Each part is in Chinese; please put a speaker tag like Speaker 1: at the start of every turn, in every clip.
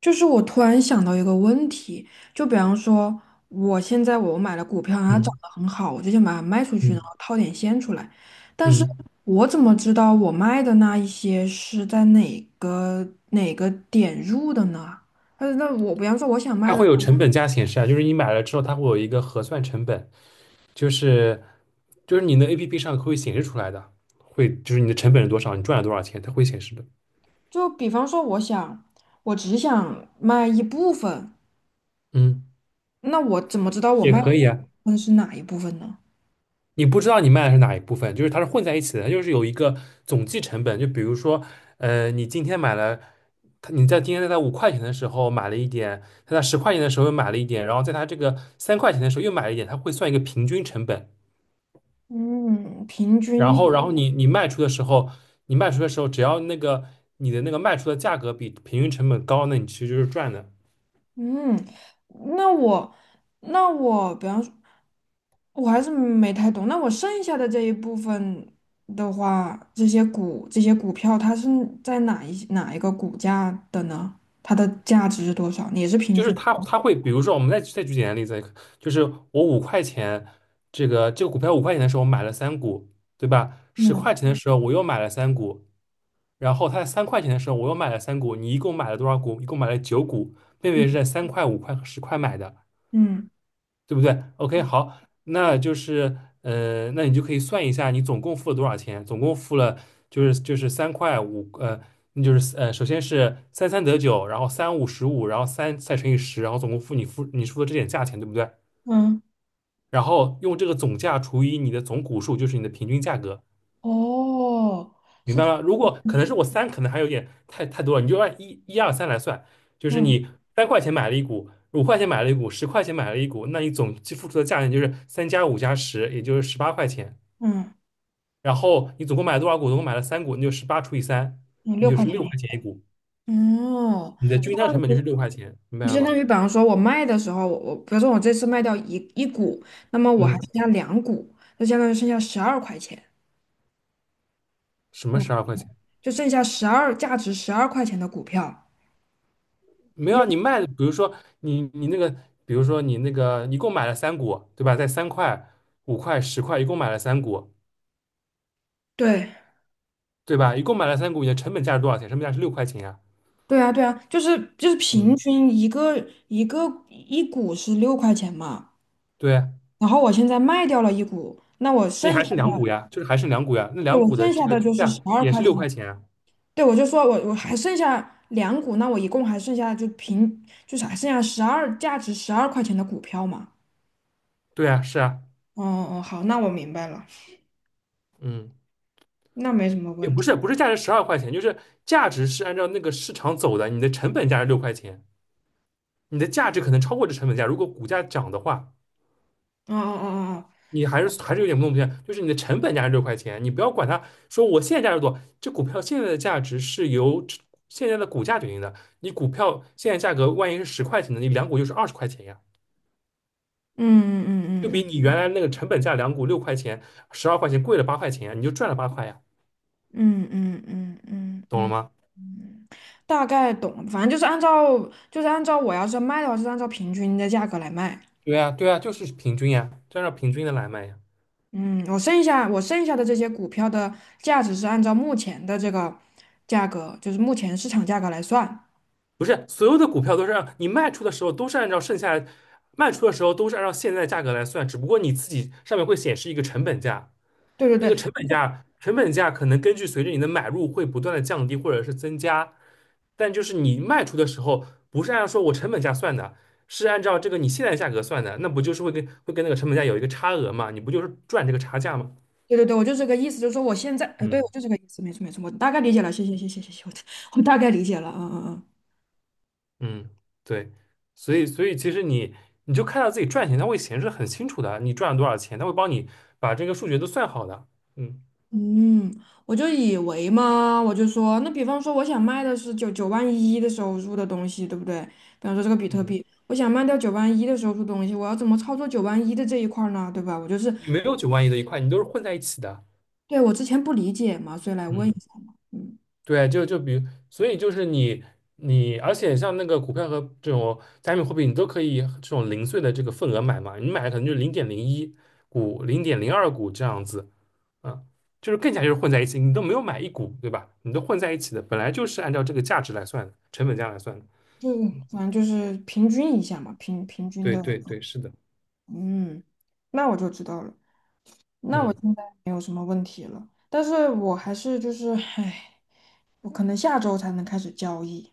Speaker 1: 就是我突然想到一个问题，就比方说，我现在买了股票，它涨
Speaker 2: 嗯
Speaker 1: 得很好，我就想把它卖出去，然后
Speaker 2: 嗯
Speaker 1: 套点现出来。但是
Speaker 2: 嗯，
Speaker 1: 我怎么知道我卖的那一些是在哪个点入的呢？那我比方说我想卖
Speaker 2: 它
Speaker 1: 的，
Speaker 2: 会有成本价显示啊，就是你买了之后，它会有一个核算成本，就是就是你的 APP 上会显示出来的，会就是你的成本是多少，你赚了多少钱，它会显示的。
Speaker 1: 就比方说我想，我只想卖一部分，
Speaker 2: 嗯，
Speaker 1: 那我怎么知道我
Speaker 2: 也
Speaker 1: 卖的
Speaker 2: 可
Speaker 1: 那
Speaker 2: 以
Speaker 1: 部
Speaker 2: 啊，
Speaker 1: 分是哪一部分呢？
Speaker 2: 你不知道你卖的是哪一部分，就是它是混在一起的，它就是有一个总计成本。就比如说，你今天买了，它你在今天在它五块钱的时候买了一点，它在十块钱的时候又买了一点，然后在它这个三块钱的时候又买了一点，它会算一个平均成本。
Speaker 1: 嗯，平
Speaker 2: 然
Speaker 1: 均。
Speaker 2: 后，然后你卖出的时候，你卖出的时候，只要那个你的那个卖出的价格比平均成本高，那你其实就是赚的。
Speaker 1: 嗯，那我，那我，比方说，我还是没太懂。那我剩下的这一部分的话，这些股票，它是在哪一个股价的呢？它的价值是多少？也是平
Speaker 2: 就是
Speaker 1: 均。
Speaker 2: 它会，比如说我们再举简单例子，就是我五块钱这个股票五块钱的时候我买了三股，对吧？十
Speaker 1: 嗯
Speaker 2: 块钱的时候我又买了三股，然后它在三块钱的时候我又买了三股，你一共买了多少股？一共买了九股，妹妹
Speaker 1: 嗯
Speaker 2: 是在三块、五块和十块买的。
Speaker 1: 嗯
Speaker 2: 对不对？OK，好，那就是那你就可以算一下你总共付了多少钱，总共付了就是就是三块五那就是首先是三三得九，然后三五十五，然后三再乘以十，然后总共付你付你付的这点价钱，对不对？
Speaker 1: 嗯，
Speaker 2: 然后用这个总价除以你的总股数，就是你的平均价格，
Speaker 1: 哦，
Speaker 2: 明
Speaker 1: 是
Speaker 2: 白
Speaker 1: 这
Speaker 2: 吗？如
Speaker 1: 样
Speaker 2: 果可能是
Speaker 1: 平
Speaker 2: 我三，可能还有点太多了，你就按一、一二三来算，就是
Speaker 1: 嗯
Speaker 2: 你三块钱买了一股，五块钱买了一股，十块钱买了一股，那你总计付出的价钱就是三加五加十，也就是十八块钱。
Speaker 1: 嗯
Speaker 2: 然后你总共买了多少股？总共买了三股，你就十八除以三，
Speaker 1: 嗯，
Speaker 2: 你
Speaker 1: 六
Speaker 2: 就
Speaker 1: 块
Speaker 2: 是
Speaker 1: 钱
Speaker 2: 六
Speaker 1: 一
Speaker 2: 块钱
Speaker 1: 个。
Speaker 2: 一股，
Speaker 1: 哦，
Speaker 2: 你的均摊成本就是六块钱，明白
Speaker 1: 就
Speaker 2: 了
Speaker 1: 相
Speaker 2: 吗？
Speaker 1: 当于，比方说，我卖的时候，我比如说我这次卖掉一股，那么我还
Speaker 2: 嗯，
Speaker 1: 剩下两股，就相当于剩下十二块钱，
Speaker 2: 什么
Speaker 1: 嗯
Speaker 2: 十二块钱？
Speaker 1: 就剩下价值十二块钱的股票。
Speaker 2: 没
Speaker 1: 因
Speaker 2: 有啊，
Speaker 1: 为
Speaker 2: 你卖的，比如说你那个，比如说你那个一共买了三股，对吧？在三块、五块、十块，一共买了三股。
Speaker 1: 对
Speaker 2: 对吧？一共买了三股，你的成本价是多少钱？成本价是六块钱呀。
Speaker 1: 对啊对啊，就是平
Speaker 2: 嗯，
Speaker 1: 均一个一股是六块钱嘛，
Speaker 2: 对啊，
Speaker 1: 然后我现在卖掉了一股，那我
Speaker 2: 那
Speaker 1: 剩
Speaker 2: 还
Speaker 1: 下
Speaker 2: 是两
Speaker 1: 的
Speaker 2: 股呀，就是还剩两股呀。那
Speaker 1: 对
Speaker 2: 两
Speaker 1: 我
Speaker 2: 股的
Speaker 1: 剩
Speaker 2: 这
Speaker 1: 下
Speaker 2: 个
Speaker 1: 的就
Speaker 2: 均
Speaker 1: 是
Speaker 2: 价
Speaker 1: 十二
Speaker 2: 也
Speaker 1: 块
Speaker 2: 是六
Speaker 1: 钱了。
Speaker 2: 块钱啊。
Speaker 1: 对，我就说我还剩下两股，那我一共还剩下就是还剩下价值十二块钱的股票嘛。
Speaker 2: 对啊，是啊，
Speaker 1: 哦哦，哦，好，那我明白了，
Speaker 2: 嗯，
Speaker 1: 那没什么
Speaker 2: 也
Speaker 1: 问
Speaker 2: 不
Speaker 1: 题。
Speaker 2: 是，不是价值十二块钱，就是价值是按照那个市场走的，你的成本价是六块钱，你的价值可能超过这成本价。如果股价涨的话，
Speaker 1: 哦哦哦哦，哦
Speaker 2: 你还是有点弄不清，就是你的成本价是六块钱，你不要管它，说我现在价值多少，这股票现在的价值是由这现在的股价决定的。你股票现在价格万一是十块钱的，你两股就是二十块钱呀。
Speaker 1: 嗯嗯
Speaker 2: 就比
Speaker 1: 嗯
Speaker 2: 你
Speaker 1: 嗯
Speaker 2: 原来那个成本价两股六块钱、十二块钱贵了八块钱呀，你就赚了八块呀，
Speaker 1: 嗯嗯嗯嗯
Speaker 2: 懂了吗？
Speaker 1: 嗯，大概懂，反正就是按照按照我要是卖的话，是按照平均的价格来卖。
Speaker 2: 对呀，对呀，就是平均呀，就按照平均的来卖呀。
Speaker 1: 嗯，我剩下的这些股票的价值是按照目前的这个价格，就是目前市场价格来算。
Speaker 2: 不是所有的股票都是按你卖出的时候都是按照剩下卖出的时候都是按照现在价格来算，只不过你自己上面会显示一个成本价。
Speaker 1: 对
Speaker 2: 那
Speaker 1: 对
Speaker 2: 个
Speaker 1: 对
Speaker 2: 成本价，成本价可能根据随着你的买入会不断的降低或者是增加，但就是你卖出的时候不是按照说我成本价算的，是按照这个你现在价格算的，那不就是会跟那个成本价有一个差额嘛？你不就是赚这个差价吗？
Speaker 1: 对对对，我就这个意思，就是说我现在，对，
Speaker 2: 嗯
Speaker 1: 我就这个意思，没错没错，我大概理解了，谢谢谢谢谢谢，我 我大概理解了，嗯嗯嗯。
Speaker 2: 嗯，对，所以其实你你就看到自己赚钱，它会显示很清楚的，你赚了多少钱，它会帮你把这个数学都算好的。嗯
Speaker 1: 嗯，我就以为嘛，我就说，那比方说我想卖的是九万一的时候入的东西，对不对？比方说这个比特
Speaker 2: 嗯，
Speaker 1: 币，我想卖掉九万一的时候入东西，我要怎么操作九万一的这一块儿呢？对吧？我就是，
Speaker 2: 你没有9.1万的一块，你都是混在一起的。
Speaker 1: 对，我之前不理解嘛，所以来问一
Speaker 2: 嗯。
Speaker 1: 下嘛。嗯，
Speaker 2: 对，就就比如，所以就是你，而且像那个股票和这种加密货币，你都可以这种零碎的这个份额买嘛，你买的可能就零点零一股、零点零二股这样子，啊，就是更加就是混在一起，你都没有买一股，对吧？你都混在一起的，本来就是按照这个价值来算的，成本价来算的。
Speaker 1: 就反正就是平均一下嘛，平均
Speaker 2: 对
Speaker 1: 的。
Speaker 2: 对对，是的，
Speaker 1: 嗯，那我就知道了。那我
Speaker 2: 嗯。
Speaker 1: 现在，但是我还是就是，唉，我可能下周才能开始交易。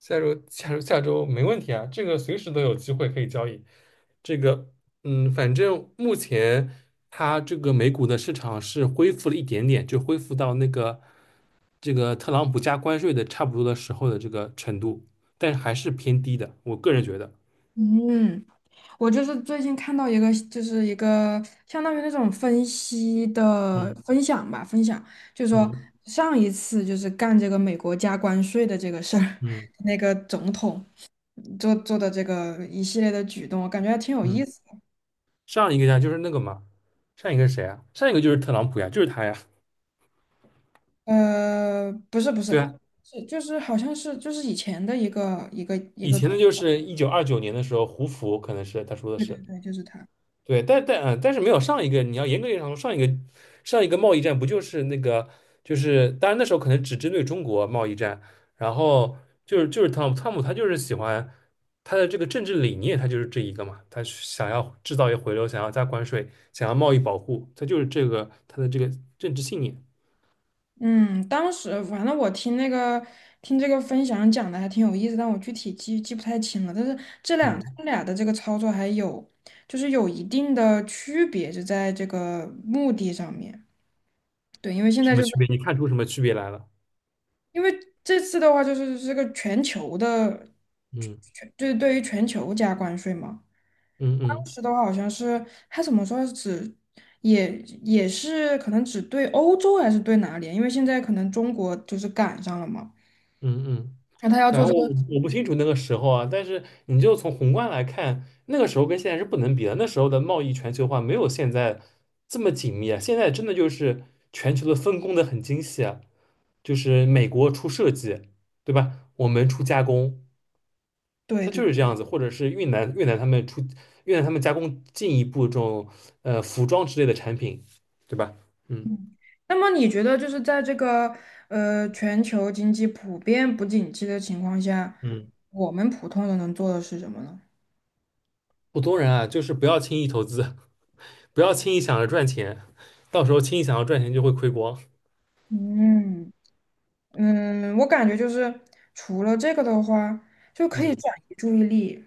Speaker 2: 下周下周下周没问题啊，这个随时都有机会可以交易。这个嗯，反正目前它这个美股的市场是恢复了一点点，就恢复到那个这个特朗普加关税的差不多的时候的这个程度，但是还是偏低的，我个人觉得。
Speaker 1: 嗯。我就是最近看到一个，就是一个相当于那种分析的
Speaker 2: 嗯
Speaker 1: 分享吧，就是说
Speaker 2: 嗯
Speaker 1: 上一次就是干这个美国加关税的这个事儿，
Speaker 2: 嗯
Speaker 1: 那个总统做的这个一系列的举动，我感觉还挺有意
Speaker 2: 嗯，
Speaker 1: 思的
Speaker 2: 上一个呀就是那个嘛，上一个是谁啊？上一个就是特朗普呀，就是他呀。
Speaker 1: 不是不是，
Speaker 2: 对啊，
Speaker 1: 是就是好像是就是以前的一
Speaker 2: 以
Speaker 1: 个总，
Speaker 2: 前的就是1929年的时候，胡佛可能是他说的
Speaker 1: 对对
Speaker 2: 是。
Speaker 1: 对，就是他。
Speaker 2: 对，但是没有上一个，你要严格意义上说，上一个贸易战不就是那个，就是当然那时候可能只针对中国贸易战，然后就是就是汤姆他就是喜欢他的这个政治理念，他就是这一个嘛，他是想要制造业回流，想要加关税，想要贸易保护，他就是这个他的这个政治信念。
Speaker 1: 嗯，当时反正我听那个听这个分享讲的还挺有意思，但我具体记不太清了。但是这两他
Speaker 2: 嗯，
Speaker 1: 们俩的这个操作还有就是有一定的区别，就在这个目的上面。对，因为现
Speaker 2: 什
Speaker 1: 在
Speaker 2: 么
Speaker 1: 就是
Speaker 2: 区别？你看出什么区别来了？
Speaker 1: 因为这次的话就是这个全球的，
Speaker 2: 嗯
Speaker 1: 就是对于全球加关税嘛。
Speaker 2: 嗯
Speaker 1: 当
Speaker 2: 嗯
Speaker 1: 时的话好像是他怎么说也也是可能只对欧洲还是对哪里啊？因为现在可能中国就是赶上了嘛。
Speaker 2: 嗯嗯。
Speaker 1: 那他要
Speaker 2: 反
Speaker 1: 做
Speaker 2: 正
Speaker 1: 这
Speaker 2: 我
Speaker 1: 个。
Speaker 2: 我不清楚那个时候啊，但是你就从宏观来看，那个时候跟现在是不能比的。那时候的贸易全球化没有现在这么紧密啊，现在真的就是全球的分工的很精细啊，就是美国出设计，对吧？我们出加工，
Speaker 1: 对
Speaker 2: 它就
Speaker 1: 对。
Speaker 2: 是这样子，或者是越南他们出越南他们加工进一步这种服装之类的产品，对吧？嗯，
Speaker 1: 那么你觉得就是在这个全球经济普遍不景气的情况下，
Speaker 2: 嗯，
Speaker 1: 我们普通人能做的是什么呢？
Speaker 2: 普通人啊，就是不要轻易投资，不要轻易想着赚钱，到时候轻易想要赚钱就会亏光。
Speaker 1: 嗯嗯，我感觉就是除了这个的话，就可以
Speaker 2: 嗯
Speaker 1: 转移注意力，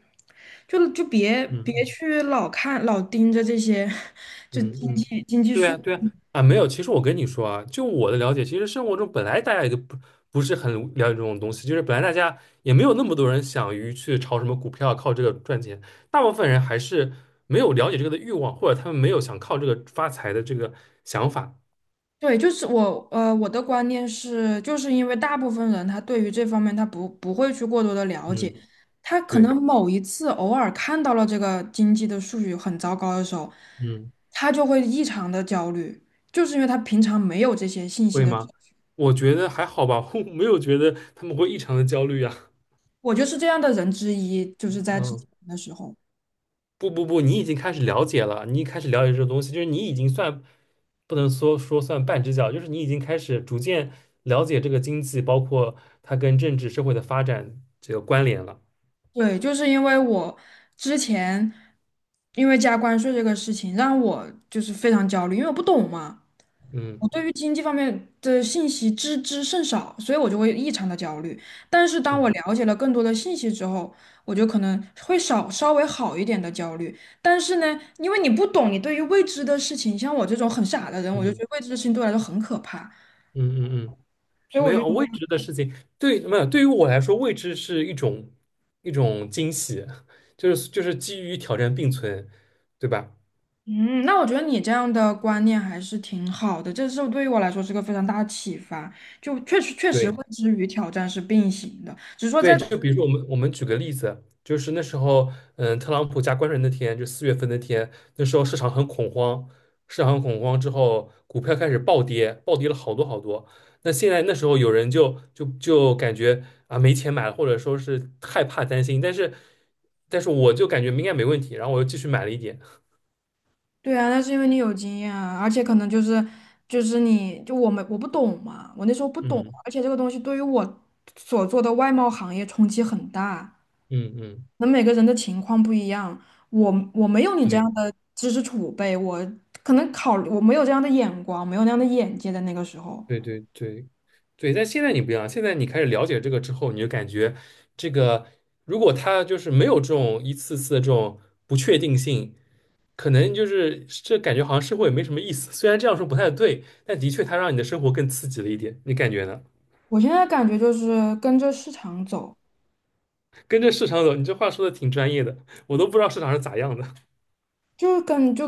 Speaker 1: 就别
Speaker 2: 嗯
Speaker 1: 去老盯着这些
Speaker 2: 嗯嗯，嗯对呀对呀啊，没有。其实我跟你说啊，就我的了解，其实生活中本来大家也都不不是很了解这种东西，就是本来大家也没有那么多人想于去炒什么股票靠这个赚钱，大部分人还是没有了解这个的欲望，或者他们没有想靠这个发财的这个想法。
Speaker 1: 对，就是我，我的观念是，就是因为大部分人他对于这方面他不会去过多的了解，
Speaker 2: 嗯，
Speaker 1: 他可
Speaker 2: 对，
Speaker 1: 能某一次偶尔看到了这个经济的数据很糟糕的时候，
Speaker 2: 嗯，
Speaker 1: 他就会异常的焦虑，就是因为他平常没有这些信息
Speaker 2: 会
Speaker 1: 的时
Speaker 2: 吗？
Speaker 1: 候。
Speaker 2: 我觉得还好吧，我没有觉得他们会异常的焦虑啊。
Speaker 1: 我就是这样的人之一，就是在之
Speaker 2: 嗯。
Speaker 1: 前的时候，
Speaker 2: 不不不，你已经开始了解了，你开始了解这个东西，就是你已经算不能说算半只脚，就是你已经开始逐渐了解这个经济，包括它跟政治社会的发展这个关联了。
Speaker 1: 对，就是因为我之前因为加关税这个事情让我就是非常焦虑，因为我不懂嘛。我
Speaker 2: 嗯
Speaker 1: 对于经济方面的信息知之甚少，所以我就会异常的焦虑。但是当我
Speaker 2: 嗯
Speaker 1: 了解了更多的信息之后，我就可能会稍微好一点的焦虑。但是呢，因为你不懂，你对于未知的事情，像我这种很傻的人，我就觉得
Speaker 2: 嗯
Speaker 1: 未知的事情对我来说很可怕。
Speaker 2: 嗯嗯嗯，
Speaker 1: 所以
Speaker 2: 没
Speaker 1: 我就
Speaker 2: 有
Speaker 1: 觉
Speaker 2: 未
Speaker 1: 得，
Speaker 2: 知的事情，对，没有，对于我来说，未知是一种一种惊喜，就是就是基于挑战并存，对吧？
Speaker 1: 嗯，那我觉得你这样的观念还是挺好的，这是对于我来说是个非常大的启发。就确实确实，
Speaker 2: 对，
Speaker 1: 未知与挑战是并行的，只是说在
Speaker 2: 对，就比如说我们举个例子，就是那时候，嗯，特朗普加关税那天，就四月份那天，那时候市场很恐慌，市场很恐慌之后，股票开始暴跌，暴跌了好多好多。那现在那时候有人就感觉啊没钱买了，或者说是害怕担心，但是但是我就感觉应该没问题，然后我又继续买了一点，
Speaker 1: 对啊，那是因为你有经验啊，而且可能就是就是你就我们我不懂嘛，我那时候不懂，
Speaker 2: 嗯
Speaker 1: 而且这个东西对于我所做的外贸行业冲击很大。
Speaker 2: 嗯嗯，
Speaker 1: 那每个人的情况不一样，我没有你这
Speaker 2: 对。
Speaker 1: 样的知识储备，我可能考我没有这样的眼光，没有那样的眼界在那个时候。
Speaker 2: 对对对对，但现在你不一样，现在你开始了解这个之后，你就感觉这个如果他就是没有这种一次次的这种不确定性，可能就是这感觉好像生活也没什么意思。虽然这样说不太对，但的确它让你的生活更刺激了一点，你感觉呢？
Speaker 1: 我现在感觉就是跟着市场走。
Speaker 2: 跟着市场走，你这话说的挺专业的，我都不知道市场是咋样的。
Speaker 1: 就跟就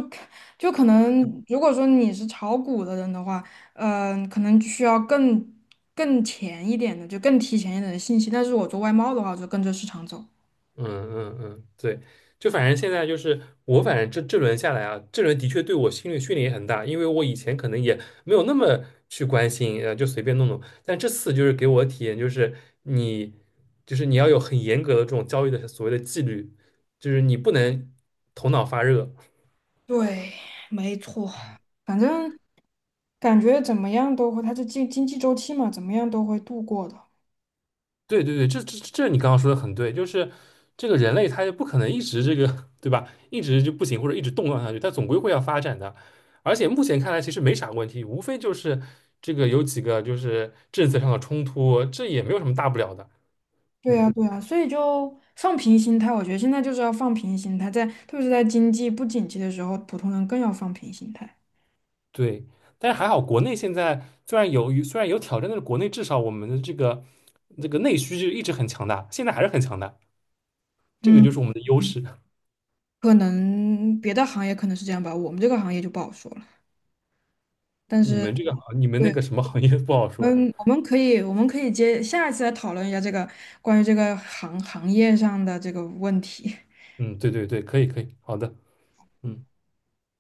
Speaker 1: 就可能，如果说你是炒股的人的话，可能需要更前一点的，就更提前一点的信息。但是我做外贸的话，我就跟着市场走。
Speaker 2: 嗯嗯嗯，对，就反正现在就是我，反正这轮下来啊，这轮的确对我心理训练也很大，因为我以前可能也没有那么去关心，就随便弄弄。但这次就是给我的体验就是你，就是你要有很严格的这种交易的所谓的纪律，就是你不能头脑发热。
Speaker 1: 对，没错，反正感觉怎么样都会，它是经济周期嘛，怎么样都会度过的。
Speaker 2: 对对对，这你刚刚说的很对，就是这个人类他就不可能一直这个，对吧？一直就不行或者一直动荡下去，他总归会要发展的。而且目前看来其实没啥问题，无非就是这个有几个就是政策上的冲突，这也没有什么大不了的。
Speaker 1: 对呀，
Speaker 2: 嗯，
Speaker 1: 对呀，所以就放平心态，我觉得现在就是要放平心态，特别是在经济不景气的时候，普通人更要放平心态。
Speaker 2: 对。但是还好，国内现在虽然有挑战，但是国内至少我们的这个内需就一直很强大，现在还是很强大，这个就
Speaker 1: 嗯。
Speaker 2: 是我们的优势。
Speaker 1: 可能别的行业可能是这样吧，我们这个行业就不好说了。但
Speaker 2: 你
Speaker 1: 是，
Speaker 2: 们这个行你们那
Speaker 1: 对，
Speaker 2: 个什么行业不好说。
Speaker 1: 我们可以，我们可以接下一次来讨论一下这个关于这个行业上的这个问题。
Speaker 2: 嗯，对对对，可以可以，好的。嗯。